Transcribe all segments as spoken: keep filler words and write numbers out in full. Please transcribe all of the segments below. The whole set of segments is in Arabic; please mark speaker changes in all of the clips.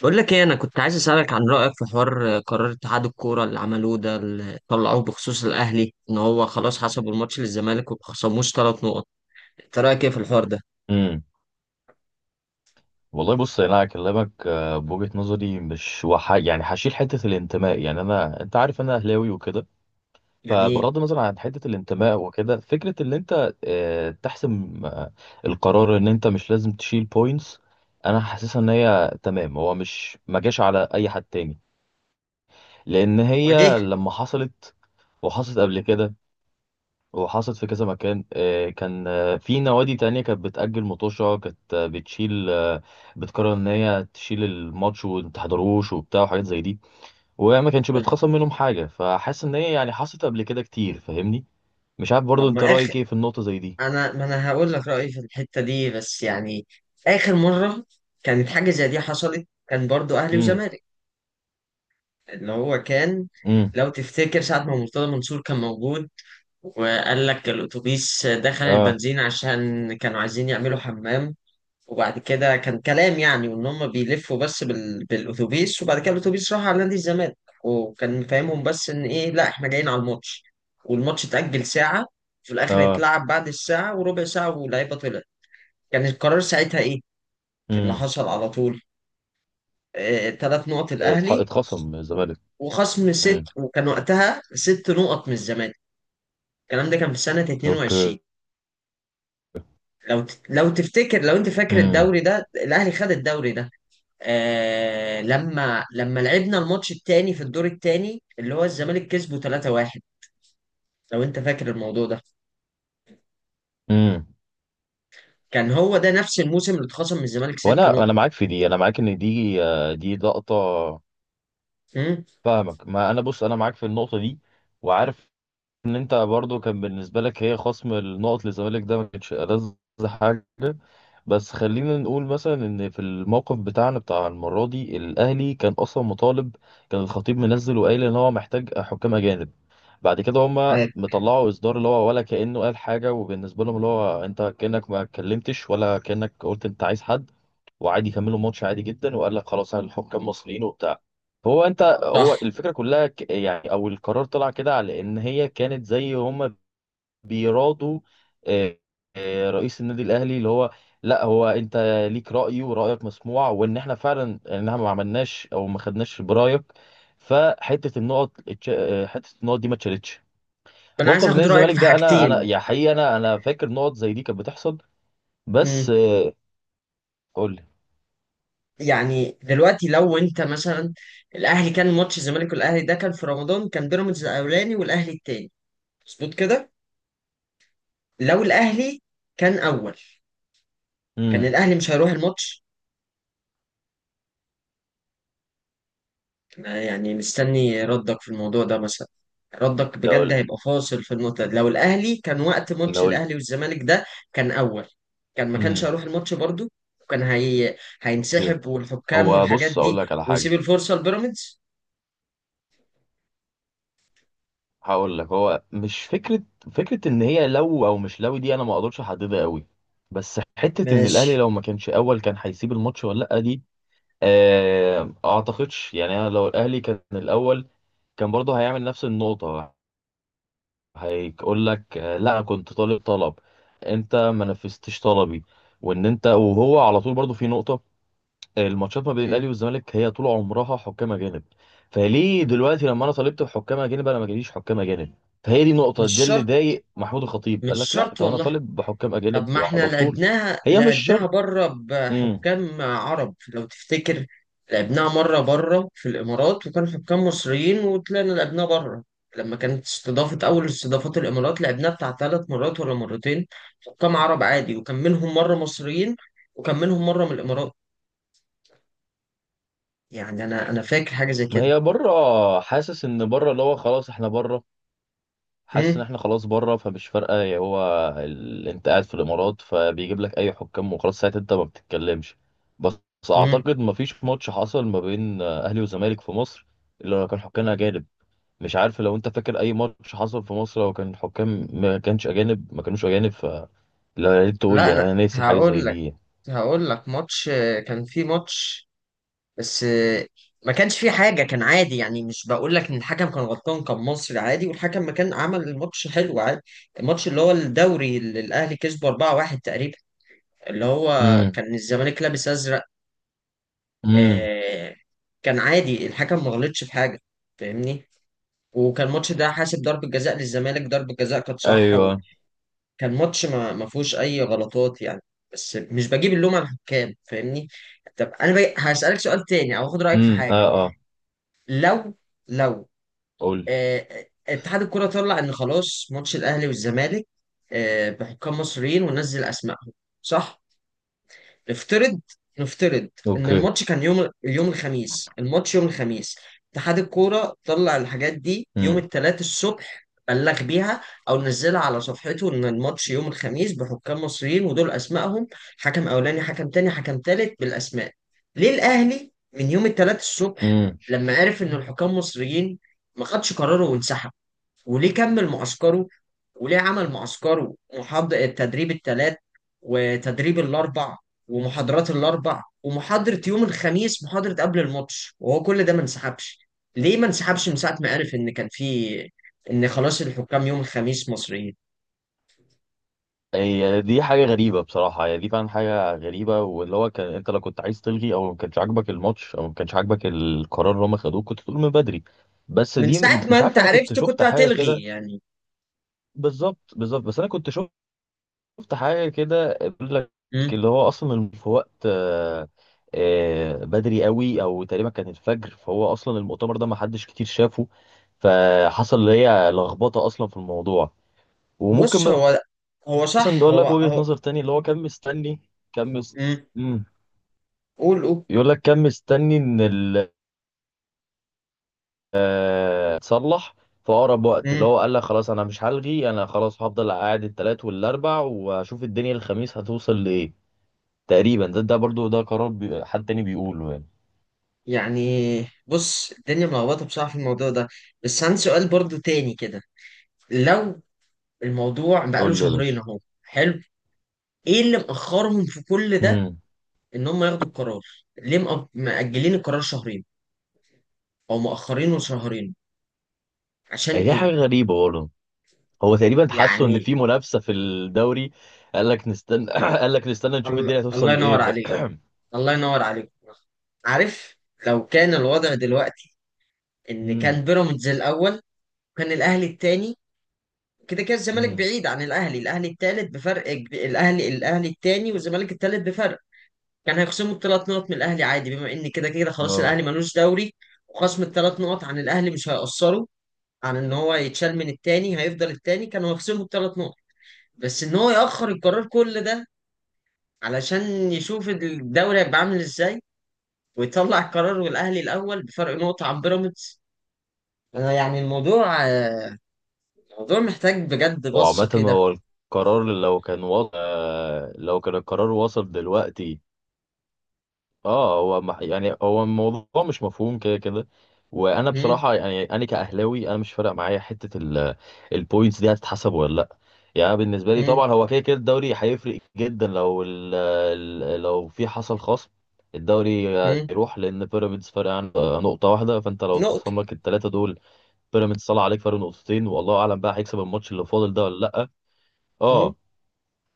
Speaker 1: بقول لك ايه، انا كنت عايز اسالك عن رايك في حوار قرار اتحاد الكوره اللي عملوه ده اللي طلعوه بخصوص الاهلي، ان هو خلاص حسبوا الماتش للزمالك وما خصموش ثلاث نقط. انت رايك ايه في الحوار ده؟
Speaker 2: امم والله بص يعني انا هكلمك آه، بوجهة نظري مش وح... يعني هشيل حتة الانتماء، يعني انا انت عارف انا اهلاوي وكده.
Speaker 1: جميل.
Speaker 2: فبغض النظر عن حتة الانتماء وكده، فكرة ان انت آه، تحسم آه، القرار ان انت مش لازم تشيل بوينتس. انا حاسسها ان هي تمام، هو مش ما جاش على اي حد تاني، لان
Speaker 1: وجه.
Speaker 2: هي لما حصلت وحصلت قبل كده وحصلت في كذا مكان آه، كان آه، في نوادي تانية كانت بتأجل مطوشة، كانت آه، بتشيل آه، بتقرر إن هي تشيل الماتش ومتحضروش وبتاع وحاجات زي دي، وما كانش
Speaker 1: حلو.
Speaker 2: بيتخصم منهم حاجة. فحاسس إن هي يعني حصلت قبل كده كتير، فاهمني؟ مش عارف
Speaker 1: طب
Speaker 2: برضو أنت
Speaker 1: ما اخر...
Speaker 2: رأيك إيه في النقطة زي دي؟
Speaker 1: انا ما انا هقول لك رايي في الحته دي، بس يعني اخر مره كانت حاجه زي دي حصلت كان برضو اهلي
Speaker 2: امم.
Speaker 1: وزمالك، اللي هو كان،
Speaker 2: امم.
Speaker 1: لو تفتكر ساعة ما مرتضى منصور كان موجود، وقال لك الأتوبيس دخل
Speaker 2: اه.
Speaker 1: البنزين عشان كانوا عايزين يعملوا حمام، وبعد كده كان كلام يعني، وان هم بيلفوا بس بال... بالاتوبيس، وبعد كده الاتوبيس راح على نادي الزمالك، وكان فاهمهم بس ان ايه، لا احنا جايين على الماتش، والماتش اتأجل ساعة، في الاخر
Speaker 2: اه.
Speaker 1: اتلعب بعد الساعة وربع ساعة واللعيبة طلعت. كان القرار ساعتها ايه؟ إيه اللي
Speaker 2: امم.
Speaker 1: حصل على طول؟ اه... تلات نقط
Speaker 2: اتح-
Speaker 1: الاهلي،
Speaker 2: اتخصم من الزمالك.
Speaker 1: وخصم ست،
Speaker 2: امم.
Speaker 1: وكان وقتها ست نقط من الزمالك. الكلام ده كان في سنة
Speaker 2: اوكي.
Speaker 1: اثنين وعشرين. لو ت... لو تفتكر، لو انت فاكر
Speaker 2: امم.
Speaker 1: الدوري ده الاهلي خد الدوري ده، آه لما لما لعبنا الماتش التاني في الدور التاني، اللي هو الزمالك كسبه ثلاثة واحد، لو انت فاكر الموضوع ده،
Speaker 2: امم.
Speaker 1: كان هو ده نفس الموسم اللي اتخصم من الزمالك ست
Speaker 2: وانا
Speaker 1: نقط.
Speaker 2: انا معاك في دي، انا معاك ان دي آه، دي لقطه.
Speaker 1: امم.
Speaker 2: فاهمك، ما انا بص انا معاك في النقطه دي. وعارف ان انت برضو كان بالنسبه لك هي خصم النقط للزمالك ده ما كانش ألذ حاجه. بس خلينا نقول مثلا ان في الموقف بتاعنا بتاع المره دي، الاهلي كان اصلا مطالب، كان الخطيب منزل وقايل ان هو محتاج حكام اجانب. بعد كده هما
Speaker 1: عادي.
Speaker 2: مطلعوا اصدار اللي هو ولا كانه قال حاجه، وبالنسبه لهم اللي هو انت كانك ما اتكلمتش ولا كانك قلت انت عايز حد. وعادي كملوا ماتش عادي جدا وقال لك خلاص اهل الحكام مصريين وبتاع. فهو انت
Speaker 1: صح.
Speaker 2: هو الفكره كلها ك- يعني او القرار طلع كده على ان هي كانت زي هم بيرادوا. آه، آه، رئيس النادي الاهلي اللي هو، لا هو انت ليك راي ورايك مسموع، وان احنا فعلا ان احنا ما عملناش او ما خدناش برايك. فحته النقط اتش- آه، حته النقط دي ما اتشالتش.
Speaker 1: انا عايز
Speaker 2: موقف نادي
Speaker 1: اخد رايك
Speaker 2: الزمالك
Speaker 1: في
Speaker 2: ده، انا انا
Speaker 1: حاجتين.
Speaker 2: يا حقيقه انا انا فاكر نقط زي دي كانت بتحصل
Speaker 1: امم.
Speaker 2: بس آه، قول لي.
Speaker 1: يعني دلوقتي لو انت مثلا، الاهلي كان ماتش الزمالك والاهلي ده كان في رمضان، كان بيراميدز الاولاني والاهلي التاني، مظبوط كده؟ لو الاهلي كان اول، كان
Speaker 2: امم.
Speaker 1: الاهلي مش هيروح الماتش يعني؟ مستني ردك في الموضوع ده مثلا، ردك بجد
Speaker 2: لو
Speaker 1: هيبقى فاصل في النقطة دي. لو الأهلي كان وقت ماتش
Speaker 2: لو
Speaker 1: الأهلي والزمالك ده كان أول، كان ما كانش
Speaker 2: امم.
Speaker 1: هيروح الماتش برضو، وكان هي...
Speaker 2: اوكي.
Speaker 1: هينسحب والحكام
Speaker 2: هو
Speaker 1: والحاجات
Speaker 2: بص اقول
Speaker 1: دي،
Speaker 2: لك على حاجه.
Speaker 1: ويسيب الفرصة لبيراميدز.
Speaker 2: هقول لك هو مش فكره فكره ان هي لو، او مش لو، دي انا ما اقدرش احددها قوي. بس حته ان الاهلي
Speaker 1: ماشي.
Speaker 2: لو ما كانش اول كان هيسيب الماتش ولا لا، دي آه اعتقدش. يعني انا لو الاهلي كان الاول كان برضه هيعمل نفس النقطه، هيقول لك آه، لا كنت طالب طلب، انت ما نفذتش طلبي. وان انت وهو على طول برضه في نقطه، الماتشات ما بين
Speaker 1: م-
Speaker 2: الاهلي والزمالك هي طول عمرها حكام اجانب. فليه دلوقتي لما انا طالبت بحكام اجانب انا ما جاليش حكام اجانب؟ فهي دي النقطه
Speaker 1: مش
Speaker 2: دي اللي
Speaker 1: شرط،
Speaker 2: ضايق محمود الخطيب، قال
Speaker 1: مش
Speaker 2: لك لا،
Speaker 1: شرط
Speaker 2: طب انا
Speaker 1: والله.
Speaker 2: طالب بحكام
Speaker 1: طب
Speaker 2: اجانب
Speaker 1: ما احنا
Speaker 2: وعلى طول.
Speaker 1: لعبناها
Speaker 2: هي مش
Speaker 1: لعبناها
Speaker 2: شرط.
Speaker 1: بره
Speaker 2: امم.
Speaker 1: بحكام عرب لو تفتكر، لعبناها مرة بره في الإمارات وكانوا حكام مصريين، وطلعنا لعبناها بره لما كانت استضافة، أول استضافات الإمارات، لعبناها بتاع ثلاث مرات ولا مرتين، حكام عرب عادي، وكان منهم مرة مصريين، وكان منهم مرة من الإمارات، يعني أنا أنا فاكر حاجة زي
Speaker 2: ما
Speaker 1: كده.
Speaker 2: هي بره، حاسس ان بره اللي هو خلاص احنا بره. حاسس ان
Speaker 1: مم؟
Speaker 2: احنا خلاص بره، فمش فارقه يا هو. ال... انت قاعد في الامارات فبيجيب لك اي حكام وخلاص، ساعتها انت ما بتتكلمش. بس
Speaker 1: مم؟
Speaker 2: اعتقد ما فيش ماتش حصل ما بين اهلي وزمالك في مصر اللي هو كان حكام اجانب. مش عارف لو انت فاكر اي ماتش حصل في مصر لو كان الحكام ما كانش اجانب، ما كانوش اجانب ف لا، يا ريت تقول
Speaker 1: لا
Speaker 2: لي
Speaker 1: أنا...
Speaker 2: انا ناسي حاجه زي
Speaker 1: هقول لك
Speaker 2: دي.
Speaker 1: هقول لك ماتش، كان في ماتش، بس آه، ما كانش في حاجة، كان عادي يعني، مش بقول لك ان الحكم كان غلطان، كان مصري عادي، والحكم ما كان عمل الماتش حلو، عادي. الماتش اللي هو الدوري اللي الاهلي كسبه اربعه واحد تقريبا، اللي هو
Speaker 2: امم.
Speaker 1: كان الزمالك لابس ازرق،
Speaker 2: امم.
Speaker 1: آه، كان عادي، الحكم ما غلطش في حاجة، فاهمني؟ وكان الماتش ده حاسب ضربة جزاء للزمالك، ضربة جزاء كانت صح،
Speaker 2: ايوه.
Speaker 1: وكان ماتش ما ما فيهوش اي غلطات يعني، بس مش بجيب اللوم على الحكام، فاهمني؟ طب انا بقى هسألك سؤال تاني، او هاخد رأيك في
Speaker 2: امم. اه.
Speaker 1: حاجة.
Speaker 2: اه.
Speaker 1: لو لو
Speaker 2: قول لي.
Speaker 1: آه، اتحاد الكرة طلع ان خلاص ماتش الاهلي والزمالك آه، بحكام مصريين، ونزل اسمائهم، صح؟ نفترض، نفترض ان
Speaker 2: اوكي.
Speaker 1: الماتش كان يوم، اليوم الخميس، الماتش يوم الخميس، اتحاد الكورة طلع الحاجات دي يوم
Speaker 2: امم.
Speaker 1: الثلاث الصبح، بلغ بيها او نزلها على صفحته ان الماتش يوم الخميس بحكام مصريين ودول اسمائهم، حكم اولاني حكم تاني حكم تالت بالاسماء. ليه الاهلي من يوم الثلاث الصبح
Speaker 2: امم.
Speaker 1: لما عرف ان الحكام مصريين، ما خدش قراره وانسحب؟ وليه كمل معسكره؟ وليه عمل معسكره، محاضر التدريب الثلاث وتدريب الاربع، ومحاضرات الاربع، ومحاضرة يوم الخميس، محاضرة قبل الماتش، وهو كل ده ما انسحبش؟ ليه ما انسحبش من ساعة ما عرف ان كان في، ان خلاص الحكام يوم الخميس مصريين؟
Speaker 2: هي دي حاجه غريبه بصراحه، هي دي فعلا حاجه غريبه، واللي هو كان انت لو كنت عايز تلغي او ما كانش عاجبك الماتش او ما كانش عاجبك القرار اللي هم خدوه، كنت تقول من بدري. بس
Speaker 1: من
Speaker 2: دي م-
Speaker 1: ساعة ما
Speaker 2: مش
Speaker 1: انت
Speaker 2: عارف، انا كنت
Speaker 1: عرفت كنت
Speaker 2: شفت حاجه
Speaker 1: هتلغي
Speaker 2: كده.
Speaker 1: يعني.
Speaker 2: بالظبط بالظبط، بس انا كنت شفت شفت حاجة كده بيقول لك،
Speaker 1: مم.
Speaker 2: اللي هو أصلا في وقت آه، آه، بدري قوي أو تقريبا كان الفجر، فهو أصلا المؤتمر ده ما حدش كتير شافه. فحصل اللي هي لخبطة أصلا في الموضوع.
Speaker 1: بص
Speaker 2: وممكن
Speaker 1: هو، هو
Speaker 2: مثلا
Speaker 1: صح
Speaker 2: يقول لك
Speaker 1: هو
Speaker 2: وجهة
Speaker 1: هو
Speaker 2: نظر تاني اللي هو كان مستني، كان مس...
Speaker 1: مم.
Speaker 2: مم.
Speaker 1: قول، قول.
Speaker 2: يقول لك كان مستني إن ال آه، تصلح في أقرب وقت، اللي
Speaker 1: مم.
Speaker 2: هو قال لك خلاص أنا مش هلغي، أنا خلاص هفضل قاعد التلات والأربع وأشوف الدنيا الخميس هتوصل لإيه. تقريبا ده ده برضو ده قرار بي... حد تاني بيقوله يعني.
Speaker 1: يعني بص الدنيا ملخبطة بصراحة في الموضوع ده، بس عندي سؤال برضو تاني كده. لو الموضوع بقاله
Speaker 2: قول لي يا
Speaker 1: شهرين
Speaker 2: باشا.
Speaker 1: اهو، حلو. ايه اللي مأخرهم في كل ده،
Speaker 2: امم.
Speaker 1: ان هم ياخدوا القرار؟ ليه مأ- مأجلين القرار شهرين، او مأخرينه شهرين عشان
Speaker 2: دي
Speaker 1: ايه؟
Speaker 2: حاجة غريبة برضه. هو تقريبا حسوا ان
Speaker 1: يعني
Speaker 2: في منافسة في الدوري، قال لك نستنى قال لك نستنى نشوف
Speaker 1: الله،
Speaker 2: الدنيا
Speaker 1: الله
Speaker 2: هتوصل لايه
Speaker 1: ينور
Speaker 2: ف...
Speaker 1: عليك، الله ينور عليك. عارف، لو كان الوضع دلوقتي ان
Speaker 2: امم.
Speaker 1: كان بيراميدز الاول، وكان الاهلي التاني، كده كده الزمالك
Speaker 2: امم.
Speaker 1: بعيد عن الاهلي، الاهلي التالت بفرق كب- الاهلي الاهلي التاني والزمالك التالت بفرق، كان هيخصموا الثلاث نقط من الاهلي عادي، بما ان كده كده خلاص
Speaker 2: اه.
Speaker 1: الاهلي ملوش دوري، وخصم الثلاث نقط عن الاهلي مش هيأثره، عن ان هو يتشال من التاني، هيفضل التاني، كانوا هيخصموا الثلاث نقط. بس ان هو يأخر القرار كل ده علشان يشوف الدوري هيبقى عامل ازاي، ويطلع القرار والاهلي الاول بفرق نقطة عن بيراميدز، انا يعني الموضوع الموضوع محتاج بجد
Speaker 2: هو
Speaker 1: بصة
Speaker 2: عامة
Speaker 1: كده.
Speaker 2: هو القرار لو كان وصل، لو كان القرار وصل دلوقتي، اه هو مح- يعني هو الموضوع مش مفهوم كده كده. وانا
Speaker 1: هم؟
Speaker 2: بصراحه يعني انا كاهلاوي انا مش فارق معايا حته ال- البوينتس دي هتتحسب ولا لا. يعني أنا بالنسبه لي
Speaker 1: هم؟
Speaker 2: طبعا هو كده كده الدوري هيفرق جدا لو ال ال- لو في حصل خصم. الدوري
Speaker 1: هم؟
Speaker 2: هيروح لان بيراميدز فارق عن نقطه واحده، فانت لو
Speaker 1: نقطة.
Speaker 2: اتخصم لك الثلاثه دول، بيراميدز طلع عليك فرق نقطتين. والله اعلم بقى هيكسب الماتش اللي فاضل ده ولا لا.
Speaker 1: هم؟
Speaker 2: اه.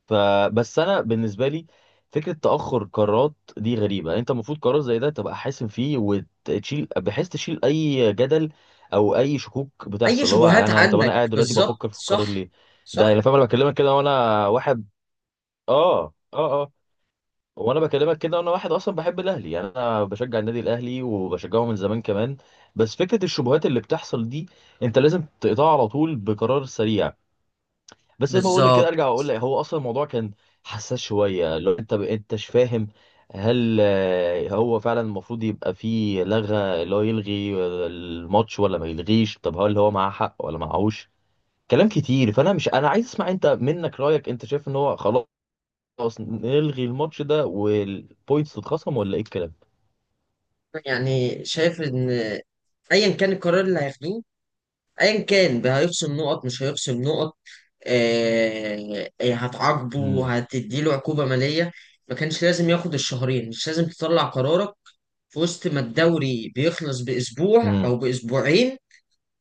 Speaker 2: فبس انا بالنسبه لي، فكره تاخر قرارات دي غريبه. يعني انت المفروض قرار زي ده تبقى حاسم فيه وتشيل، بحيث تشيل اي جدل او اي شكوك
Speaker 1: اي
Speaker 2: بتحصل، اللي هو
Speaker 1: شبهات
Speaker 2: انا طب انا
Speaker 1: عنك
Speaker 2: قاعد دلوقتي
Speaker 1: بالظبط،
Speaker 2: بفكر في القرار
Speaker 1: صح،
Speaker 2: ليه. ده انا
Speaker 1: صح،
Speaker 2: فاهم، انا بكلمك كده وانا واحد، اه. اه. اه. وانا بكلمك كده وانا واحد اصلا بحب الاهلي، يعني انا بشجع النادي الاهلي وبشجعه من زمان كمان. بس فكره الشبهات اللي بتحصل دي، انت لازم تقطعها على طول بقرار سريع. بس زي ما بقول لك كده
Speaker 1: بالظبط.
Speaker 2: ارجع واقول لك هو اصلا الموضوع كان حساس شويه، لو انت ب... انتش فاهم؟ هل آه، هو فعلا المفروض يبقى فيه لغة اللي هو يلغي الماتش ولا ما يلغيش؟ طب هل هو معاه حق ولا معهوش؟ كلام كتير، فانا مش انا عايز اسمع انت منك رأيك. انت شايف ان هو خلاص نلغي الماتش ده والبوينتس تتخصم ولا ايه الكلام؟
Speaker 1: يعني شايف ان ايا كان القرار اللي هياخدوه، ايا كان بقى، هيخصم نقط مش هيخصم نقط، آه آه، هتعاقبه،
Speaker 2: امم.
Speaker 1: هتديله عقوبة مالية، ما كانش لازم ياخد الشهرين، مش لازم تطلع قرارك في وسط ما الدوري بيخلص باسبوع او باسبوعين،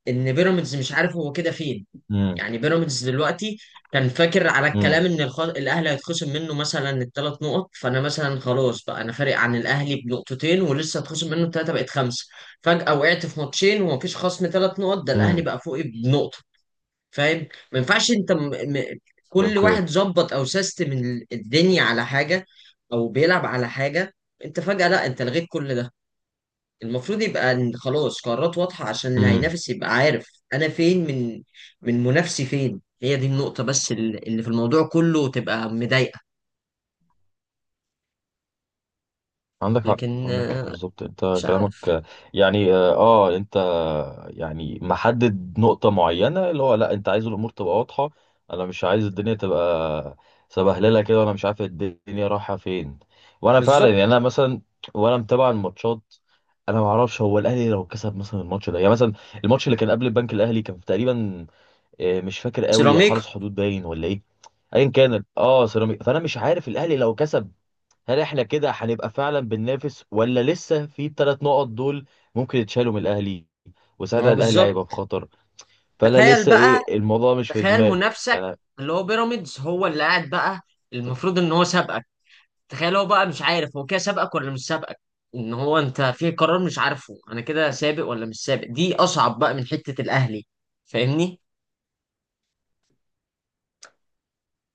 Speaker 1: ان بيراميدز مش عارف هو كده فين
Speaker 2: امم.
Speaker 1: يعني. بيراميدز دلوقتي كان فاكر على
Speaker 2: امم.
Speaker 1: الكلام ان الخ... الاهلي هيتخصم منه مثلا الثلاث نقط، فانا مثلا خلاص بقى انا فارق عن الاهلي بنقطتين، ولسه هتخصم منه الثلاثه بقت خمسه، فجاه وقعت في ماتشين ومفيش خصم ثلاث نقط، ده الاهلي
Speaker 2: امم.
Speaker 1: بقى فوقي بنقطه. فاهم؟ ما ينفعش انت م... م... كل
Speaker 2: اوكي.
Speaker 1: واحد ظبط او سيستم ال- الدنيا على حاجه، او بيلعب على حاجه، انت فجاه لا، انت لغيت كل ده. المفروض يبقى إن خلاص قرارات واضحة، عشان اللي هينافس يبقى عارف أنا فين من، من منافسي فين. هي دي النقطة، بس ال- اللي في الموضوع كله تبقى مضايقة.
Speaker 2: عندك حق
Speaker 1: لكن
Speaker 2: عندك حق،
Speaker 1: آه،
Speaker 2: بالظبط انت
Speaker 1: مش عارف
Speaker 2: كلامك. يعني اه آه، انت يعني محدد نقطة معينة اللي هو لا انت عايز الامور تبقى واضحة. انا مش عايز الدنيا تبقى سبهللة كده وانا مش عارف الدنيا رايحة فين. وانا فعلا يعني
Speaker 1: بالظبط.
Speaker 2: انا مثلا، وانا متابع الماتشات، انا ما اعرفش هو الاهلي لو كسب مثلا الماتش ده، يعني مثلا الماتش اللي كان قبل البنك الاهلي كان تقريبا آه، مش فاكر قوي
Speaker 1: سيراميكا.
Speaker 2: حرس حدود باين ولا ايه. ايا كان اه سيراميكا، فانا مش عارف الاهلي لو كسب هل احنا كده هنبقى فعلا بننافس، ولا لسه في الثلاث نقط دول ممكن يتشالوا من الاهلي،
Speaker 1: ما
Speaker 2: وساعتها
Speaker 1: هو
Speaker 2: الاهلي هيبقى في
Speaker 1: بالظبط،
Speaker 2: خطر. فانا
Speaker 1: تخيل
Speaker 2: لسه
Speaker 1: بقى،
Speaker 2: ايه، الموضوع مش في
Speaker 1: تخيل
Speaker 2: دماغي
Speaker 1: منافسك
Speaker 2: يعني.
Speaker 1: اللي هو بيراميدز هو اللي قاعد بقى، المفروض إن هو سابقك، تخيل هو بقى مش عارف هو كده سابقك ولا مش سابقك، إن هو أنت في قرار مش عارفه، أنا كده سابق ولا مش سابق؟ دي أصعب بقى من حتة الأهلي. فاهمني؟